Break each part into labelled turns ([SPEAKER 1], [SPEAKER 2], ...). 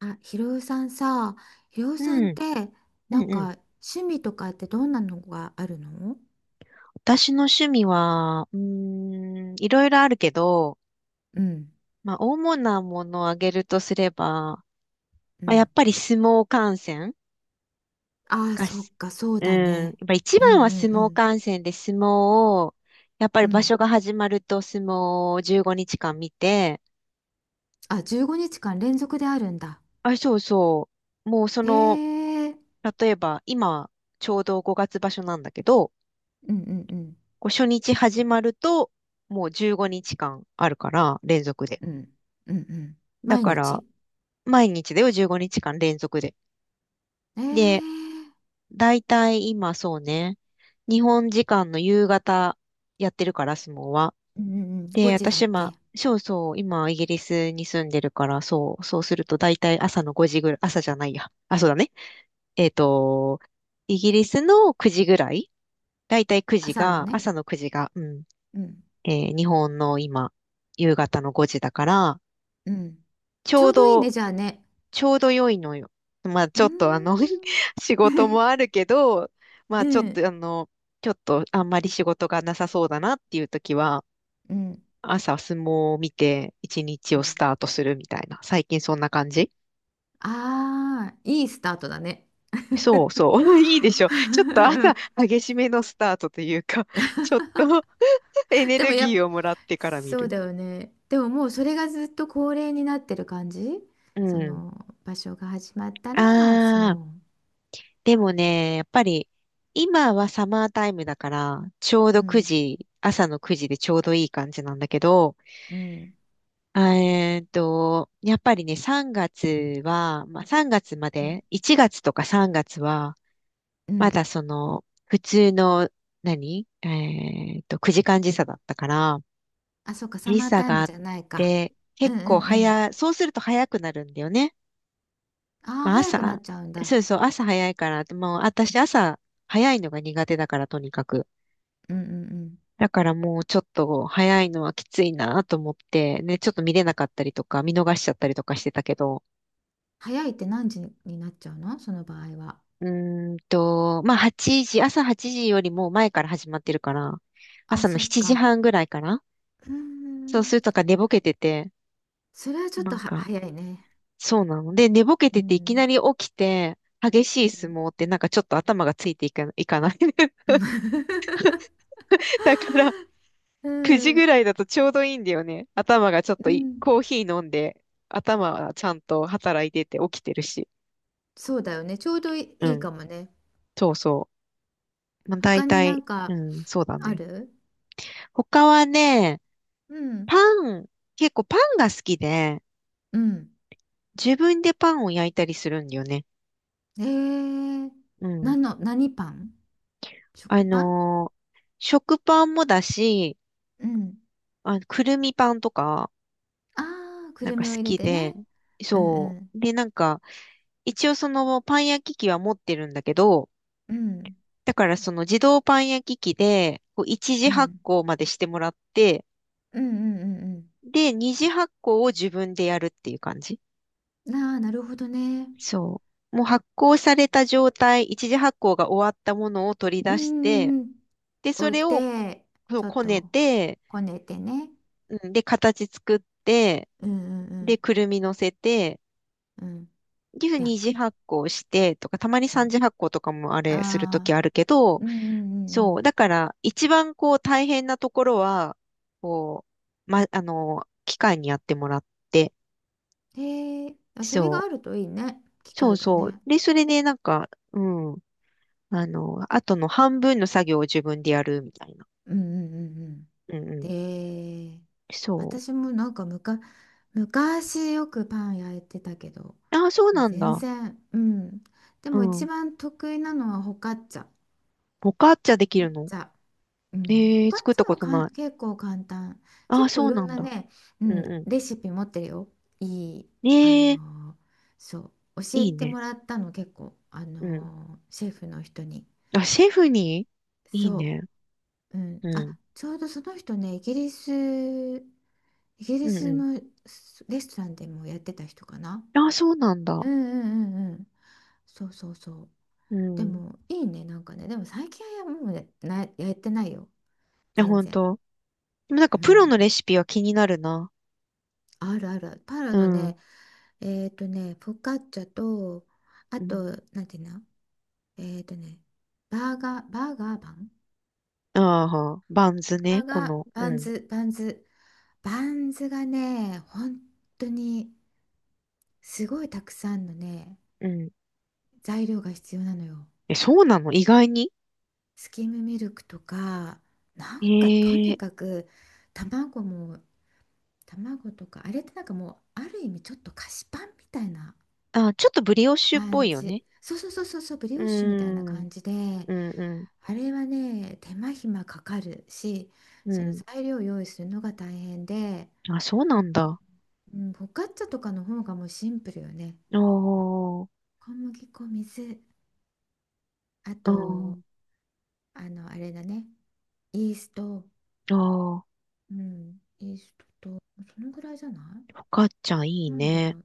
[SPEAKER 1] あ、ひろゆさんさ、ひろゆ
[SPEAKER 2] う
[SPEAKER 1] さ
[SPEAKER 2] ん、
[SPEAKER 1] んって、
[SPEAKER 2] う
[SPEAKER 1] なん
[SPEAKER 2] んうん。
[SPEAKER 1] か趣味とかってどんなのがあるの？
[SPEAKER 2] 私の趣味は、いろいろあるけど、
[SPEAKER 1] うん、
[SPEAKER 2] まあ、主なものを挙げるとすれば、
[SPEAKER 1] う
[SPEAKER 2] まあ、や
[SPEAKER 1] ん、
[SPEAKER 2] っぱり相撲観戦
[SPEAKER 1] ああ、
[SPEAKER 2] が
[SPEAKER 1] そっ
[SPEAKER 2] し、
[SPEAKER 1] か、そう
[SPEAKER 2] う
[SPEAKER 1] だ
[SPEAKER 2] ん、やっ
[SPEAKER 1] ね。
[SPEAKER 2] ぱ一
[SPEAKER 1] うん
[SPEAKER 2] 番は
[SPEAKER 1] う
[SPEAKER 2] 相
[SPEAKER 1] んう
[SPEAKER 2] 撲
[SPEAKER 1] ん。
[SPEAKER 2] 観戦で相撲を、やっぱ
[SPEAKER 1] う
[SPEAKER 2] り場所
[SPEAKER 1] ん。
[SPEAKER 2] が始まると相撲を15日間見て、
[SPEAKER 1] あ、15日間連続であるんだ。
[SPEAKER 2] あ、そうそう、もうそ
[SPEAKER 1] へ
[SPEAKER 2] の、
[SPEAKER 1] え、
[SPEAKER 2] 例えば今、ちょうど5月場所なんだけど、
[SPEAKER 1] うん、うん、うん、
[SPEAKER 2] こう初日始まると、もう15日間あるから、連続で。
[SPEAKER 1] うん、うん、うん、
[SPEAKER 2] だ
[SPEAKER 1] 毎
[SPEAKER 2] から、
[SPEAKER 1] 日？
[SPEAKER 2] 毎日だよ、15日間連続で。
[SPEAKER 1] ええ、
[SPEAKER 2] で、だいたい今そうね、日本時間の夕方やってるから、相撲は。
[SPEAKER 1] うん、うんうん、5
[SPEAKER 2] で、
[SPEAKER 1] 時だっ
[SPEAKER 2] 私、ま
[SPEAKER 1] け？
[SPEAKER 2] あ、そうそう、今、イギリスに住んでるから、そう、そうすると、だいたい朝の5時ぐらい、朝じゃないや。あ、そうだね。えっと、イギリスの9時ぐらい、だいたい9時
[SPEAKER 1] 朝の
[SPEAKER 2] が、
[SPEAKER 1] ね。
[SPEAKER 2] 朝の9時が、うん、
[SPEAKER 1] うん、
[SPEAKER 2] 日本の今、夕方の5時だから、
[SPEAKER 1] うん、
[SPEAKER 2] ち
[SPEAKER 1] ち
[SPEAKER 2] ょ
[SPEAKER 1] ょ
[SPEAKER 2] う
[SPEAKER 1] うどいい
[SPEAKER 2] ど
[SPEAKER 1] ね、じゃあね。
[SPEAKER 2] ちょうど良いのよ。まあ
[SPEAKER 1] うー
[SPEAKER 2] ちょっ
[SPEAKER 1] ん。
[SPEAKER 2] と仕事も あるけど、ま
[SPEAKER 1] う
[SPEAKER 2] あちょっ
[SPEAKER 1] ん。
[SPEAKER 2] とちょっとあんまり仕事がなさそうだなっていう時は、
[SPEAKER 1] うん、
[SPEAKER 2] 朝相撲を見て一日
[SPEAKER 1] う
[SPEAKER 2] をス
[SPEAKER 1] ん、
[SPEAKER 2] タートするみたいな。最近そんな感じ。
[SPEAKER 1] ああ、いいスタートだね。
[SPEAKER 2] そうそう。いいでしょ。ちょっと朝 激しめのスタートというか、ちょっと エネ
[SPEAKER 1] でも
[SPEAKER 2] ル
[SPEAKER 1] やっ、
[SPEAKER 2] ギーをもらってから見
[SPEAKER 1] そう
[SPEAKER 2] る。
[SPEAKER 1] だよね。でももうそれがずっと恒例になってる感じ？
[SPEAKER 2] う
[SPEAKER 1] そ
[SPEAKER 2] ん。
[SPEAKER 1] の場所が始まったら相
[SPEAKER 2] あ
[SPEAKER 1] 撲。
[SPEAKER 2] あ。でもね、やっぱり、今はサマータイムだから、ちょう
[SPEAKER 1] う
[SPEAKER 2] ど9
[SPEAKER 1] ん、
[SPEAKER 2] 時、朝の9時でちょうどいい感じなんだけど、
[SPEAKER 1] うん、
[SPEAKER 2] やっぱりね、3月は、まあ、3月ま
[SPEAKER 1] うん、
[SPEAKER 2] で、1月とか3月は、
[SPEAKER 1] う
[SPEAKER 2] ま
[SPEAKER 1] ん。
[SPEAKER 2] だその、普通の、何えーっと、9時間時差だったから、
[SPEAKER 1] あ、そうか、サ
[SPEAKER 2] 時
[SPEAKER 1] マー
[SPEAKER 2] 差
[SPEAKER 1] タイ
[SPEAKER 2] が
[SPEAKER 1] ム
[SPEAKER 2] あっ
[SPEAKER 1] じゃないか。
[SPEAKER 2] て、
[SPEAKER 1] うん
[SPEAKER 2] 結
[SPEAKER 1] う
[SPEAKER 2] 構
[SPEAKER 1] んうん。
[SPEAKER 2] 早、そうすると早くなるんだよね。
[SPEAKER 1] ああ、
[SPEAKER 2] まあ、
[SPEAKER 1] 早くなっ
[SPEAKER 2] 朝、
[SPEAKER 1] ちゃうん
[SPEAKER 2] そ
[SPEAKER 1] だ。
[SPEAKER 2] うそう、朝早いから、もう私朝早いのが苦手だから、とにかく。
[SPEAKER 1] うんうんうん。
[SPEAKER 2] だからもうちょっと早いのはきついなと思って、ね、ちょっと見れなかったりとか、見逃しちゃったりとかしてたけど、
[SPEAKER 1] 早いって何時になっちゃうのその場合は？
[SPEAKER 2] うまあ8時、朝8時よりも前から始まってるから、
[SPEAKER 1] あ、
[SPEAKER 2] 朝の
[SPEAKER 1] そっ
[SPEAKER 2] 7
[SPEAKER 1] か。
[SPEAKER 2] 時半ぐらいかな。
[SPEAKER 1] うー
[SPEAKER 2] そうすると
[SPEAKER 1] ん。
[SPEAKER 2] か寝ぼけてて、
[SPEAKER 1] それはちょっ
[SPEAKER 2] な
[SPEAKER 1] と
[SPEAKER 2] ん
[SPEAKER 1] は
[SPEAKER 2] か、
[SPEAKER 1] 早いね。
[SPEAKER 2] そうなの。で、寝ぼけ
[SPEAKER 1] う
[SPEAKER 2] てていき
[SPEAKER 1] ん。
[SPEAKER 2] なり起きて、激し
[SPEAKER 1] う
[SPEAKER 2] い相
[SPEAKER 1] ん。
[SPEAKER 2] 撲ってなんかちょっと頭がついていか、いかない。だから
[SPEAKER 1] う
[SPEAKER 2] 9時ぐ
[SPEAKER 1] ん
[SPEAKER 2] らいだとちょうどいいんだよね。頭がちょっと
[SPEAKER 1] う
[SPEAKER 2] い
[SPEAKER 1] ん、
[SPEAKER 2] コーヒー飲んで、頭はちゃんと働いてて起きてるし。
[SPEAKER 1] そうだよね。ちょうどい
[SPEAKER 2] う
[SPEAKER 1] い、いい
[SPEAKER 2] ん。
[SPEAKER 1] かもね。
[SPEAKER 2] そうそう。まあ、大
[SPEAKER 1] 他に
[SPEAKER 2] 体、うん、そうだ
[SPEAKER 1] あ
[SPEAKER 2] ね。
[SPEAKER 1] る？
[SPEAKER 2] 他はね、
[SPEAKER 1] うん。
[SPEAKER 2] パン、結構パンが好きで、
[SPEAKER 1] うん。
[SPEAKER 2] 自分でパンを焼いたりするんだよね。
[SPEAKER 1] えー、
[SPEAKER 2] うん。
[SPEAKER 1] 何の、何パン？
[SPEAKER 2] あ
[SPEAKER 1] 食パン？
[SPEAKER 2] のー食パンもだし、
[SPEAKER 1] うん。
[SPEAKER 2] あ、くるみパンとか、
[SPEAKER 1] ああ、く
[SPEAKER 2] なん
[SPEAKER 1] る
[SPEAKER 2] か
[SPEAKER 1] み
[SPEAKER 2] 好
[SPEAKER 1] を入れ
[SPEAKER 2] き
[SPEAKER 1] て
[SPEAKER 2] で、
[SPEAKER 1] ね。うんう
[SPEAKER 2] そ
[SPEAKER 1] ん。
[SPEAKER 2] う。で、なんか、一応そのパン焼き器は持ってるんだけど、
[SPEAKER 1] うん。
[SPEAKER 2] だからその自動パン焼き器で、こう一次
[SPEAKER 1] う
[SPEAKER 2] 発
[SPEAKER 1] ん。
[SPEAKER 2] 酵までしてもらって、
[SPEAKER 1] うんうんうん
[SPEAKER 2] で、二次発酵を自分でやるっていう感じ。
[SPEAKER 1] うん。ああ、なるほどね。
[SPEAKER 2] そう。もう発酵された状態、一次発酵が終わったものを取り
[SPEAKER 1] うん
[SPEAKER 2] 出して、
[SPEAKER 1] うんうん。
[SPEAKER 2] で、そ
[SPEAKER 1] 置い
[SPEAKER 2] れを
[SPEAKER 1] て、
[SPEAKER 2] そ
[SPEAKER 1] ち
[SPEAKER 2] う
[SPEAKER 1] ょっ
[SPEAKER 2] こね
[SPEAKER 1] と、
[SPEAKER 2] て、
[SPEAKER 1] こねてね。
[SPEAKER 2] うんで、形作って、
[SPEAKER 1] うんうんう
[SPEAKER 2] で、
[SPEAKER 1] ん。
[SPEAKER 2] くるみ乗せて、
[SPEAKER 1] うん。
[SPEAKER 2] で、
[SPEAKER 1] 焼
[SPEAKER 2] 二次
[SPEAKER 1] く。
[SPEAKER 2] 発酵してとか、たまに
[SPEAKER 1] う
[SPEAKER 2] 三
[SPEAKER 1] ん。
[SPEAKER 2] 次発酵とかもあれすると
[SPEAKER 1] あ
[SPEAKER 2] き
[SPEAKER 1] あ。
[SPEAKER 2] あるけど、
[SPEAKER 1] うんうんうんう
[SPEAKER 2] そう、
[SPEAKER 1] ん。
[SPEAKER 2] だから、一番こう大変なところは、こう、ま、機械にやってもらって、
[SPEAKER 1] へえ、あ、それ
[SPEAKER 2] そ
[SPEAKER 1] が
[SPEAKER 2] う、
[SPEAKER 1] あるといいね。機
[SPEAKER 2] そう
[SPEAKER 1] 会が
[SPEAKER 2] そう。
[SPEAKER 1] ね。
[SPEAKER 2] で、それでなんか、うんあとの半分の作業を自分でやるみたいな。
[SPEAKER 1] うんうんうんうん。
[SPEAKER 2] うんうん。
[SPEAKER 1] で、
[SPEAKER 2] そ
[SPEAKER 1] 私もむか、昔よくパン焼いてたけど、
[SPEAKER 2] う。ああ、そう
[SPEAKER 1] もう
[SPEAKER 2] なん
[SPEAKER 1] 全
[SPEAKER 2] だ。
[SPEAKER 1] 然、うん。で
[SPEAKER 2] う
[SPEAKER 1] も一
[SPEAKER 2] ん。
[SPEAKER 1] 番得意なのはホカッチャ。ホ
[SPEAKER 2] ボカッチャでき
[SPEAKER 1] カッ
[SPEAKER 2] るの？
[SPEAKER 1] チャ。うん。ホ
[SPEAKER 2] ええ、
[SPEAKER 1] カッ
[SPEAKER 2] 作っ
[SPEAKER 1] チ
[SPEAKER 2] た
[SPEAKER 1] ャ
[SPEAKER 2] こ
[SPEAKER 1] は
[SPEAKER 2] と
[SPEAKER 1] か
[SPEAKER 2] ない。
[SPEAKER 1] ん、結構簡単。
[SPEAKER 2] ああ、
[SPEAKER 1] 結構
[SPEAKER 2] そ
[SPEAKER 1] い
[SPEAKER 2] う
[SPEAKER 1] ろ
[SPEAKER 2] な
[SPEAKER 1] ん
[SPEAKER 2] ん
[SPEAKER 1] な
[SPEAKER 2] だ。
[SPEAKER 1] ね、う
[SPEAKER 2] うん
[SPEAKER 1] ん、
[SPEAKER 2] う
[SPEAKER 1] レシピ持ってるよ。いい、
[SPEAKER 2] ん。
[SPEAKER 1] あ
[SPEAKER 2] ええ、
[SPEAKER 1] のーそう。教え
[SPEAKER 2] いい
[SPEAKER 1] て
[SPEAKER 2] ね。
[SPEAKER 1] もらったの結構、
[SPEAKER 2] うん。
[SPEAKER 1] シェフの人に。
[SPEAKER 2] あ、シェフに。いい
[SPEAKER 1] そ
[SPEAKER 2] ね。
[SPEAKER 1] う、うん、
[SPEAKER 2] うん。
[SPEAKER 1] あ、ちょうどその人ね、イギリス、イギ
[SPEAKER 2] う
[SPEAKER 1] リ
[SPEAKER 2] ん
[SPEAKER 1] ス
[SPEAKER 2] う
[SPEAKER 1] のすレストランでもやってた人かな。
[SPEAKER 2] ん。ああ、そうなん
[SPEAKER 1] う
[SPEAKER 2] だ。
[SPEAKER 1] んうんうんうん。そうそうそう。
[SPEAKER 2] う
[SPEAKER 1] で
[SPEAKER 2] ん。い
[SPEAKER 1] もいいね、でも最近はもうね、な、やってないよ、
[SPEAKER 2] や、
[SPEAKER 1] 全
[SPEAKER 2] ほん
[SPEAKER 1] 然。
[SPEAKER 2] と。でもなんか
[SPEAKER 1] う
[SPEAKER 2] プロの
[SPEAKER 1] ん、
[SPEAKER 2] レシピは気になるな。
[SPEAKER 1] あるある。パラ
[SPEAKER 2] う
[SPEAKER 1] の
[SPEAKER 2] ん。
[SPEAKER 1] ね、えっとね、フォカッチャと、あ
[SPEAKER 2] うん。
[SPEAKER 1] と、なんていうの、えっとね、バーガー、バーガーパン。
[SPEAKER 2] ああ、バンズ
[SPEAKER 1] バ
[SPEAKER 2] ね。
[SPEAKER 1] ー
[SPEAKER 2] こ
[SPEAKER 1] ガー、
[SPEAKER 2] の。う
[SPEAKER 1] バン
[SPEAKER 2] ん。
[SPEAKER 1] ズ、バンズ。バンズがね、本当にすごいたくさんのね、
[SPEAKER 2] うん。
[SPEAKER 1] 材料が必要なのよ。
[SPEAKER 2] え、そうなの？意外に。
[SPEAKER 1] スキムミルクとか、とに
[SPEAKER 2] ええ、
[SPEAKER 1] かく卵も、卵とか、あれってもうある意味ちょっと菓子パンみたいな
[SPEAKER 2] あ、ちょっとブリオッシュっぽ
[SPEAKER 1] 感
[SPEAKER 2] いよね。
[SPEAKER 1] じ。そうそうそうそうそう、ブリ
[SPEAKER 2] うー
[SPEAKER 1] オッシュみたいな
[SPEAKER 2] ん、
[SPEAKER 1] 感じで、
[SPEAKER 2] うん、うん、
[SPEAKER 1] あれはね、手間暇かかるし、その
[SPEAKER 2] う
[SPEAKER 1] 材料を用意するのが大変で、
[SPEAKER 2] ん。あ、そうなんだ。あ
[SPEAKER 1] うん、フォカッチャとかの方がもうシンプルよね。
[SPEAKER 2] ー
[SPEAKER 1] 小麦粉、水、あ
[SPEAKER 2] あ
[SPEAKER 1] と、
[SPEAKER 2] ー、
[SPEAKER 1] あの、あれだね。イースト、
[SPEAKER 2] あー、
[SPEAKER 1] うん、イーストと、そのぐらいじゃない？
[SPEAKER 2] フォカッチャいい
[SPEAKER 1] なんだろ
[SPEAKER 2] ね。
[SPEAKER 1] う。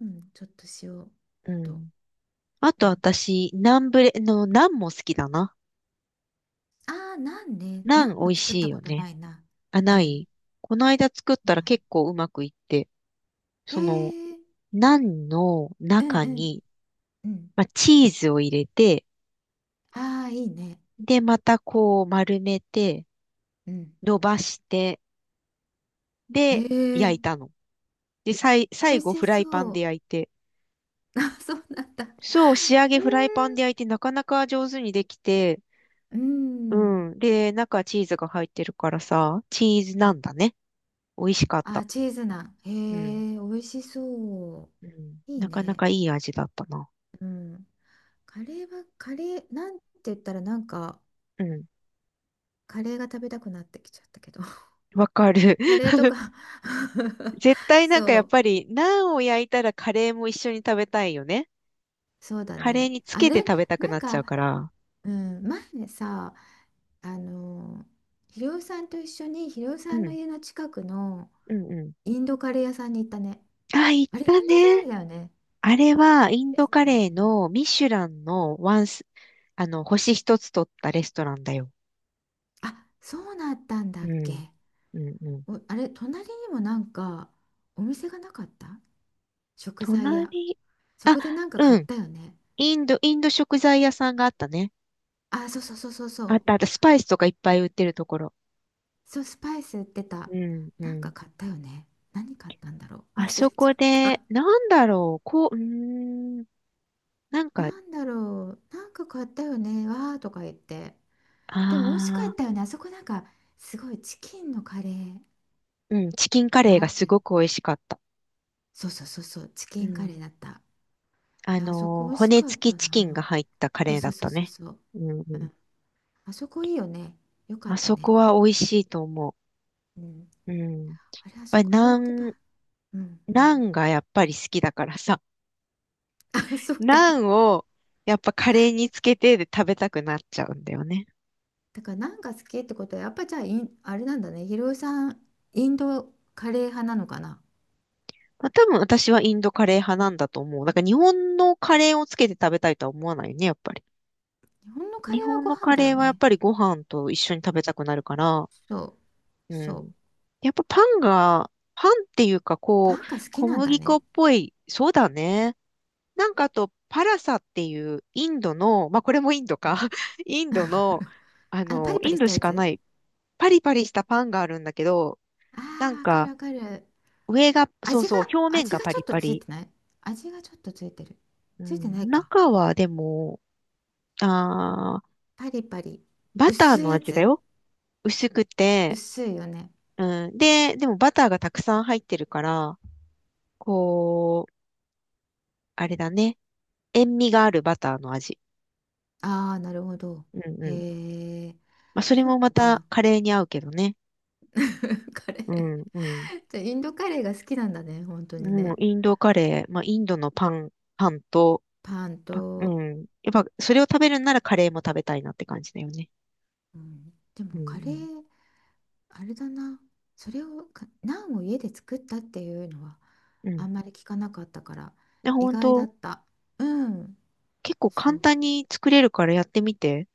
[SPEAKER 1] うん、ちょっと塩
[SPEAKER 2] う
[SPEAKER 1] と、
[SPEAKER 2] ん。あと
[SPEAKER 1] なんか。
[SPEAKER 2] 私、ナンブレ、の、ナンも好きだな。
[SPEAKER 1] ああ、ナンね。
[SPEAKER 2] ナ
[SPEAKER 1] ナ
[SPEAKER 2] ン
[SPEAKER 1] ン
[SPEAKER 2] 美
[SPEAKER 1] は
[SPEAKER 2] 味
[SPEAKER 1] 作っ
[SPEAKER 2] しい
[SPEAKER 1] たこ
[SPEAKER 2] よ
[SPEAKER 1] と
[SPEAKER 2] ね。
[SPEAKER 1] ないな。
[SPEAKER 2] あ、
[SPEAKER 1] う
[SPEAKER 2] な
[SPEAKER 1] ん、
[SPEAKER 2] い。この間作った
[SPEAKER 1] な
[SPEAKER 2] ら結構うまくいって、
[SPEAKER 1] い。
[SPEAKER 2] その、
[SPEAKER 1] へえ、
[SPEAKER 2] ナンの
[SPEAKER 1] うんう
[SPEAKER 2] 中
[SPEAKER 1] ん、
[SPEAKER 2] に、
[SPEAKER 1] うん。
[SPEAKER 2] まあ、チーズを入れて、
[SPEAKER 1] ああ、いいね。
[SPEAKER 2] で、またこう丸めて、
[SPEAKER 1] うん。
[SPEAKER 2] 伸ばして、
[SPEAKER 1] へ
[SPEAKER 2] で、
[SPEAKER 1] え、
[SPEAKER 2] 焼いたの。で、
[SPEAKER 1] 美
[SPEAKER 2] 最
[SPEAKER 1] 味
[SPEAKER 2] 後フ
[SPEAKER 1] し
[SPEAKER 2] ライパン
[SPEAKER 1] そ
[SPEAKER 2] で
[SPEAKER 1] う。
[SPEAKER 2] 焼いて。
[SPEAKER 1] あ、そうなんだ。へ
[SPEAKER 2] そう、仕上げ
[SPEAKER 1] え、
[SPEAKER 2] フライパンで焼いてなかなか上手にできて、
[SPEAKER 1] う
[SPEAKER 2] う
[SPEAKER 1] ん。
[SPEAKER 2] ん。で、中チーズが入ってるからさ、チーズなんだね。美味しかっ
[SPEAKER 1] あ、
[SPEAKER 2] た。
[SPEAKER 1] チーズナン。へ
[SPEAKER 2] うん。
[SPEAKER 1] え、美味しそ
[SPEAKER 2] うん。
[SPEAKER 1] う。いい
[SPEAKER 2] なかな
[SPEAKER 1] ね。
[SPEAKER 2] かいい味だったな。
[SPEAKER 1] うん。カレーは、カレー、なんて言ったら、
[SPEAKER 2] うん。
[SPEAKER 1] カレーが食べたくなってきちゃったけど。
[SPEAKER 2] わかる。
[SPEAKER 1] カレー とか。
[SPEAKER 2] 絶対なんか
[SPEAKER 1] そ
[SPEAKER 2] やっ
[SPEAKER 1] う、
[SPEAKER 2] ぱり、ナンを焼いたらカレーも一緒に食べたいよね。
[SPEAKER 1] そうだ
[SPEAKER 2] カレー
[SPEAKER 1] ね。
[SPEAKER 2] につ
[SPEAKER 1] あ
[SPEAKER 2] けて
[SPEAKER 1] れ、
[SPEAKER 2] 食べたく
[SPEAKER 1] な
[SPEAKER 2] な
[SPEAKER 1] ん
[SPEAKER 2] っちゃうか
[SPEAKER 1] か、
[SPEAKER 2] ら。
[SPEAKER 1] うん、前さ、あの、ひろおさんと一緒に、ひろお
[SPEAKER 2] う
[SPEAKER 1] さんの
[SPEAKER 2] ん。
[SPEAKER 1] 家の近くの
[SPEAKER 2] うんう
[SPEAKER 1] インドカレー屋さんに行ったね。
[SPEAKER 2] ん。あ、行っ
[SPEAKER 1] あれ、インド
[SPEAKER 2] た
[SPEAKER 1] 料理
[SPEAKER 2] ね。
[SPEAKER 1] だよね。
[SPEAKER 2] あれは、イン
[SPEAKER 1] レ
[SPEAKER 2] ド
[SPEAKER 1] スト
[SPEAKER 2] カ
[SPEAKER 1] ランだ
[SPEAKER 2] レー
[SPEAKER 1] よね。
[SPEAKER 2] のミシュランのワンス、あの、星一つ取ったレストランだよ。
[SPEAKER 1] あ、そうなったんだ
[SPEAKER 2] う
[SPEAKER 1] っけ。
[SPEAKER 2] ん。うんうん。
[SPEAKER 1] お、あれ、隣にもお店がなかった？食材屋。
[SPEAKER 2] 隣、
[SPEAKER 1] そ
[SPEAKER 2] あ、
[SPEAKER 1] こで買
[SPEAKER 2] う
[SPEAKER 1] っ
[SPEAKER 2] ん。
[SPEAKER 1] たよね。
[SPEAKER 2] インド食材屋さんがあったね。
[SPEAKER 1] あ、そうそうそうそうそ
[SPEAKER 2] あっ
[SPEAKER 1] う。
[SPEAKER 2] たあった。スパイスとかいっぱい売ってるところ。
[SPEAKER 1] そう、スパイス売ってた。
[SPEAKER 2] うんうん。
[SPEAKER 1] 買ったよね。何買ったんだろう。
[SPEAKER 2] あ
[SPEAKER 1] 忘れ
[SPEAKER 2] そ
[SPEAKER 1] ちゃ
[SPEAKER 2] こ
[SPEAKER 1] った。
[SPEAKER 2] で、なんだろう。こう、ん。なんか、
[SPEAKER 1] なんだろう。買ったよね。わーとか言って。でも美味しか
[SPEAKER 2] あ
[SPEAKER 1] っ
[SPEAKER 2] あ、
[SPEAKER 1] たよね。あそこすごいチキンのカレー
[SPEAKER 2] うん。チキンカレー
[SPEAKER 1] があ
[SPEAKER 2] が
[SPEAKER 1] っ
[SPEAKER 2] す
[SPEAKER 1] て。
[SPEAKER 2] ごく美味しかった。
[SPEAKER 1] そうそうそうそう。チ
[SPEAKER 2] う
[SPEAKER 1] キンカレ
[SPEAKER 2] ん。
[SPEAKER 1] ーだった。いや、あそこ美味し
[SPEAKER 2] 骨
[SPEAKER 1] かっ
[SPEAKER 2] 付き
[SPEAKER 1] た
[SPEAKER 2] チキンが
[SPEAKER 1] な。
[SPEAKER 2] 入ったカ
[SPEAKER 1] そう
[SPEAKER 2] レーだ
[SPEAKER 1] そう
[SPEAKER 2] っ
[SPEAKER 1] そう
[SPEAKER 2] た
[SPEAKER 1] そう
[SPEAKER 2] ね。
[SPEAKER 1] そう。
[SPEAKER 2] うんう
[SPEAKER 1] う
[SPEAKER 2] ん。
[SPEAKER 1] ん。あそこいいよね。よかっ
[SPEAKER 2] あ
[SPEAKER 1] た
[SPEAKER 2] そこ
[SPEAKER 1] ね。
[SPEAKER 2] は美味しいと思
[SPEAKER 1] うん、
[SPEAKER 2] う。うん。やっ
[SPEAKER 1] あれ、あ
[SPEAKER 2] ぱ
[SPEAKER 1] そ
[SPEAKER 2] り
[SPEAKER 1] こ、あれってば、うんう
[SPEAKER 2] ナ
[SPEAKER 1] ん。
[SPEAKER 2] ンがやっぱり好きだからさ、
[SPEAKER 1] あ、そっ
[SPEAKER 2] ナ
[SPEAKER 1] か。
[SPEAKER 2] ンをやっぱカレーにつけてで食べたくなっちゃうんだよね。
[SPEAKER 1] だから好きってことは、やっぱじゃあ、インあれなんだね。ひろゆさん、インドカレー派なのかな。
[SPEAKER 2] まあ、多分私はインドカレー派なんだと思う。だから日本のカレーをつけて食べたいとは思わないよね、やっぱり。
[SPEAKER 1] 日本のカレ
[SPEAKER 2] 日
[SPEAKER 1] ーは
[SPEAKER 2] 本
[SPEAKER 1] ご
[SPEAKER 2] の
[SPEAKER 1] 飯
[SPEAKER 2] カ
[SPEAKER 1] だよ
[SPEAKER 2] レーはやっ
[SPEAKER 1] ね。
[SPEAKER 2] ぱりご飯と一緒に食べたくなるから、
[SPEAKER 1] そう、
[SPEAKER 2] う
[SPEAKER 1] そう。
[SPEAKER 2] ん。やっぱパンっていうかこ
[SPEAKER 1] パンが
[SPEAKER 2] う、
[SPEAKER 1] 好き
[SPEAKER 2] 小
[SPEAKER 1] なんだ
[SPEAKER 2] 麦粉
[SPEAKER 1] ね。
[SPEAKER 2] っぽい、そうだね。なんかあと、パラサっていうインドの、まあこれもインド
[SPEAKER 1] う
[SPEAKER 2] か、
[SPEAKER 1] ん。
[SPEAKER 2] インドの、
[SPEAKER 1] あの、パリパ
[SPEAKER 2] イ
[SPEAKER 1] リ
[SPEAKER 2] ン
[SPEAKER 1] し
[SPEAKER 2] ド
[SPEAKER 1] たや
[SPEAKER 2] しかな
[SPEAKER 1] つ。
[SPEAKER 2] いパリパリしたパンがあるんだけど、
[SPEAKER 1] あ
[SPEAKER 2] な
[SPEAKER 1] あ
[SPEAKER 2] ん
[SPEAKER 1] ー、わかる
[SPEAKER 2] か
[SPEAKER 1] わかる。
[SPEAKER 2] そう
[SPEAKER 1] 味が、
[SPEAKER 2] そう、表面
[SPEAKER 1] 味
[SPEAKER 2] が
[SPEAKER 1] が
[SPEAKER 2] パ
[SPEAKER 1] ちょ
[SPEAKER 2] リ
[SPEAKER 1] っと
[SPEAKER 2] パ
[SPEAKER 1] つい
[SPEAKER 2] リ。
[SPEAKER 1] てない？味がちょっとついてる。
[SPEAKER 2] う
[SPEAKER 1] ついてない
[SPEAKER 2] ん、
[SPEAKER 1] か。
[SPEAKER 2] 中はでも、あー、
[SPEAKER 1] パリパリ。
[SPEAKER 2] バター
[SPEAKER 1] 薄い
[SPEAKER 2] の
[SPEAKER 1] や
[SPEAKER 2] 味だ
[SPEAKER 1] つ。
[SPEAKER 2] よ。薄くて、
[SPEAKER 1] 薄いよね。
[SPEAKER 2] うん、で、でもバターがたくさん入ってるから、こう、あれだね。塩味があるバターの味。
[SPEAKER 1] ああ、なるほど。
[SPEAKER 2] うんうん。
[SPEAKER 1] へえ、
[SPEAKER 2] まあそれ
[SPEAKER 1] そ
[SPEAKER 2] も
[SPEAKER 1] っ
[SPEAKER 2] また
[SPEAKER 1] か。
[SPEAKER 2] カレーに合うけどね。
[SPEAKER 1] カレ
[SPEAKER 2] う
[SPEAKER 1] ー。
[SPEAKER 2] んうん。
[SPEAKER 1] じゃあインドカレーが好きなんだね、本当に
[SPEAKER 2] もう
[SPEAKER 1] ね。
[SPEAKER 2] インドカレー、まあ、インドのパン、パンと、
[SPEAKER 1] パン
[SPEAKER 2] う
[SPEAKER 1] と、
[SPEAKER 2] ん。やっぱ、それを食べるんならカレーも食べたいなって感じだよね。
[SPEAKER 1] うん、で
[SPEAKER 2] う
[SPEAKER 1] もカレ
[SPEAKER 2] ん、
[SPEAKER 1] ー、あれだな。それをか、ナンを家で作ったっていうのは
[SPEAKER 2] うん。う
[SPEAKER 1] あんま
[SPEAKER 2] ん。
[SPEAKER 1] り聞かなかったから、
[SPEAKER 2] で、
[SPEAKER 1] 意
[SPEAKER 2] 本
[SPEAKER 1] 外だっ
[SPEAKER 2] 当
[SPEAKER 1] た。うん、
[SPEAKER 2] 結構
[SPEAKER 1] そ
[SPEAKER 2] 簡
[SPEAKER 1] う。
[SPEAKER 2] 単に作れるからやってみて。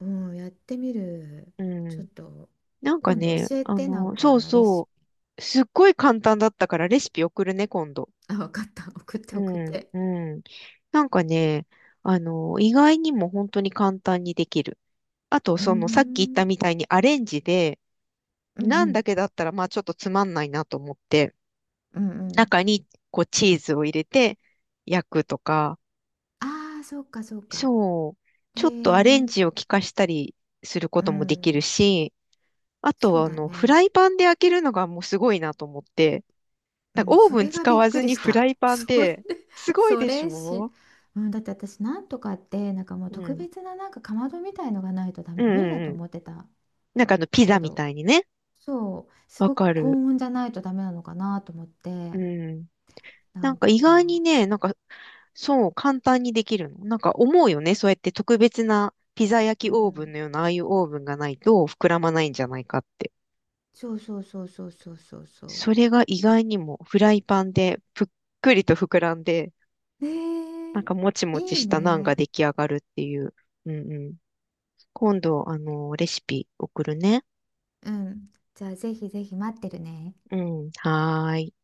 [SPEAKER 1] うん、やってみる。
[SPEAKER 2] う
[SPEAKER 1] ちょ
[SPEAKER 2] ん。
[SPEAKER 1] っと、
[SPEAKER 2] なんか
[SPEAKER 1] 今度
[SPEAKER 2] ね、
[SPEAKER 1] 教えて、あ
[SPEAKER 2] そう
[SPEAKER 1] のレシ
[SPEAKER 2] そ
[SPEAKER 1] ピ。
[SPEAKER 2] う。すっごい簡単だったからレシピ送るね、今度。
[SPEAKER 1] あ、わかった。送って
[SPEAKER 2] う
[SPEAKER 1] 送っ
[SPEAKER 2] ん、
[SPEAKER 1] て。
[SPEAKER 2] うん。なんかね、意外にも本当に簡単にできる。あと、
[SPEAKER 1] うー
[SPEAKER 2] その、さっき言っ
[SPEAKER 1] ん、
[SPEAKER 2] たみたいにアレンジで、
[SPEAKER 1] うんう
[SPEAKER 2] なんだ
[SPEAKER 1] ん、
[SPEAKER 2] けだったら、まあちょっとつまんないなと思って、
[SPEAKER 1] うんうん。
[SPEAKER 2] 中にこうチーズを入れて焼くとか、
[SPEAKER 1] ああ、そうか、そうか。
[SPEAKER 2] そう、
[SPEAKER 1] へ
[SPEAKER 2] ちょっとアレン
[SPEAKER 1] え、
[SPEAKER 2] ジを効かしたりするこ
[SPEAKER 1] う
[SPEAKER 2] ともできる
[SPEAKER 1] ん、
[SPEAKER 2] し、あと
[SPEAKER 1] そう
[SPEAKER 2] は
[SPEAKER 1] だ
[SPEAKER 2] フ
[SPEAKER 1] ね。
[SPEAKER 2] ライパンで焼けるのがもうすごいなと思って、
[SPEAKER 1] う
[SPEAKER 2] なんか
[SPEAKER 1] ん、
[SPEAKER 2] オー
[SPEAKER 1] そ
[SPEAKER 2] ブン
[SPEAKER 1] れが
[SPEAKER 2] 使
[SPEAKER 1] びっ
[SPEAKER 2] わ
[SPEAKER 1] く
[SPEAKER 2] ず
[SPEAKER 1] り
[SPEAKER 2] に
[SPEAKER 1] し
[SPEAKER 2] フラ
[SPEAKER 1] た。
[SPEAKER 2] イ パン
[SPEAKER 1] それ、
[SPEAKER 2] で、すごい
[SPEAKER 1] そ
[SPEAKER 2] でし
[SPEAKER 1] れし、
[SPEAKER 2] ょ。
[SPEAKER 1] うん、だって私、なんとかって、もう
[SPEAKER 2] う
[SPEAKER 1] 特
[SPEAKER 2] ん。
[SPEAKER 1] 別なかまどみたいのがないとダ
[SPEAKER 2] う
[SPEAKER 1] メ、
[SPEAKER 2] んう
[SPEAKER 1] 無理だ
[SPEAKER 2] ん
[SPEAKER 1] と
[SPEAKER 2] うん。
[SPEAKER 1] 思ってた
[SPEAKER 2] なんかピ
[SPEAKER 1] け
[SPEAKER 2] ザみ
[SPEAKER 1] ど、
[SPEAKER 2] たいにね。
[SPEAKER 1] そう、す
[SPEAKER 2] わ
[SPEAKER 1] ごく
[SPEAKER 2] か
[SPEAKER 1] 高
[SPEAKER 2] る。
[SPEAKER 1] 温じゃないとダメなのかなと思って、
[SPEAKER 2] うん。
[SPEAKER 1] な
[SPEAKER 2] なん
[SPEAKER 1] ん
[SPEAKER 2] か意外に
[SPEAKER 1] か、
[SPEAKER 2] ね、なんかそう、簡単にできるの。なんか思うよね。そうやって特別なピザ
[SPEAKER 1] う
[SPEAKER 2] 焼きオーブン
[SPEAKER 1] ん、
[SPEAKER 2] のような、ああいうオーブンがないと膨らまないんじゃないかって。
[SPEAKER 1] そうそうそうそうそうそうそう。
[SPEAKER 2] それが意外にもフライパンでぷっくりと膨らんで、
[SPEAKER 1] ね
[SPEAKER 2] なんかもち
[SPEAKER 1] え、い
[SPEAKER 2] もち
[SPEAKER 1] い
[SPEAKER 2] したナンが
[SPEAKER 1] ね。
[SPEAKER 2] 出来上がるっていう。うんうん。今度、レシピ送るね。
[SPEAKER 1] うん、じゃあ、ぜひぜひ待ってるね。
[SPEAKER 2] うん。はーい。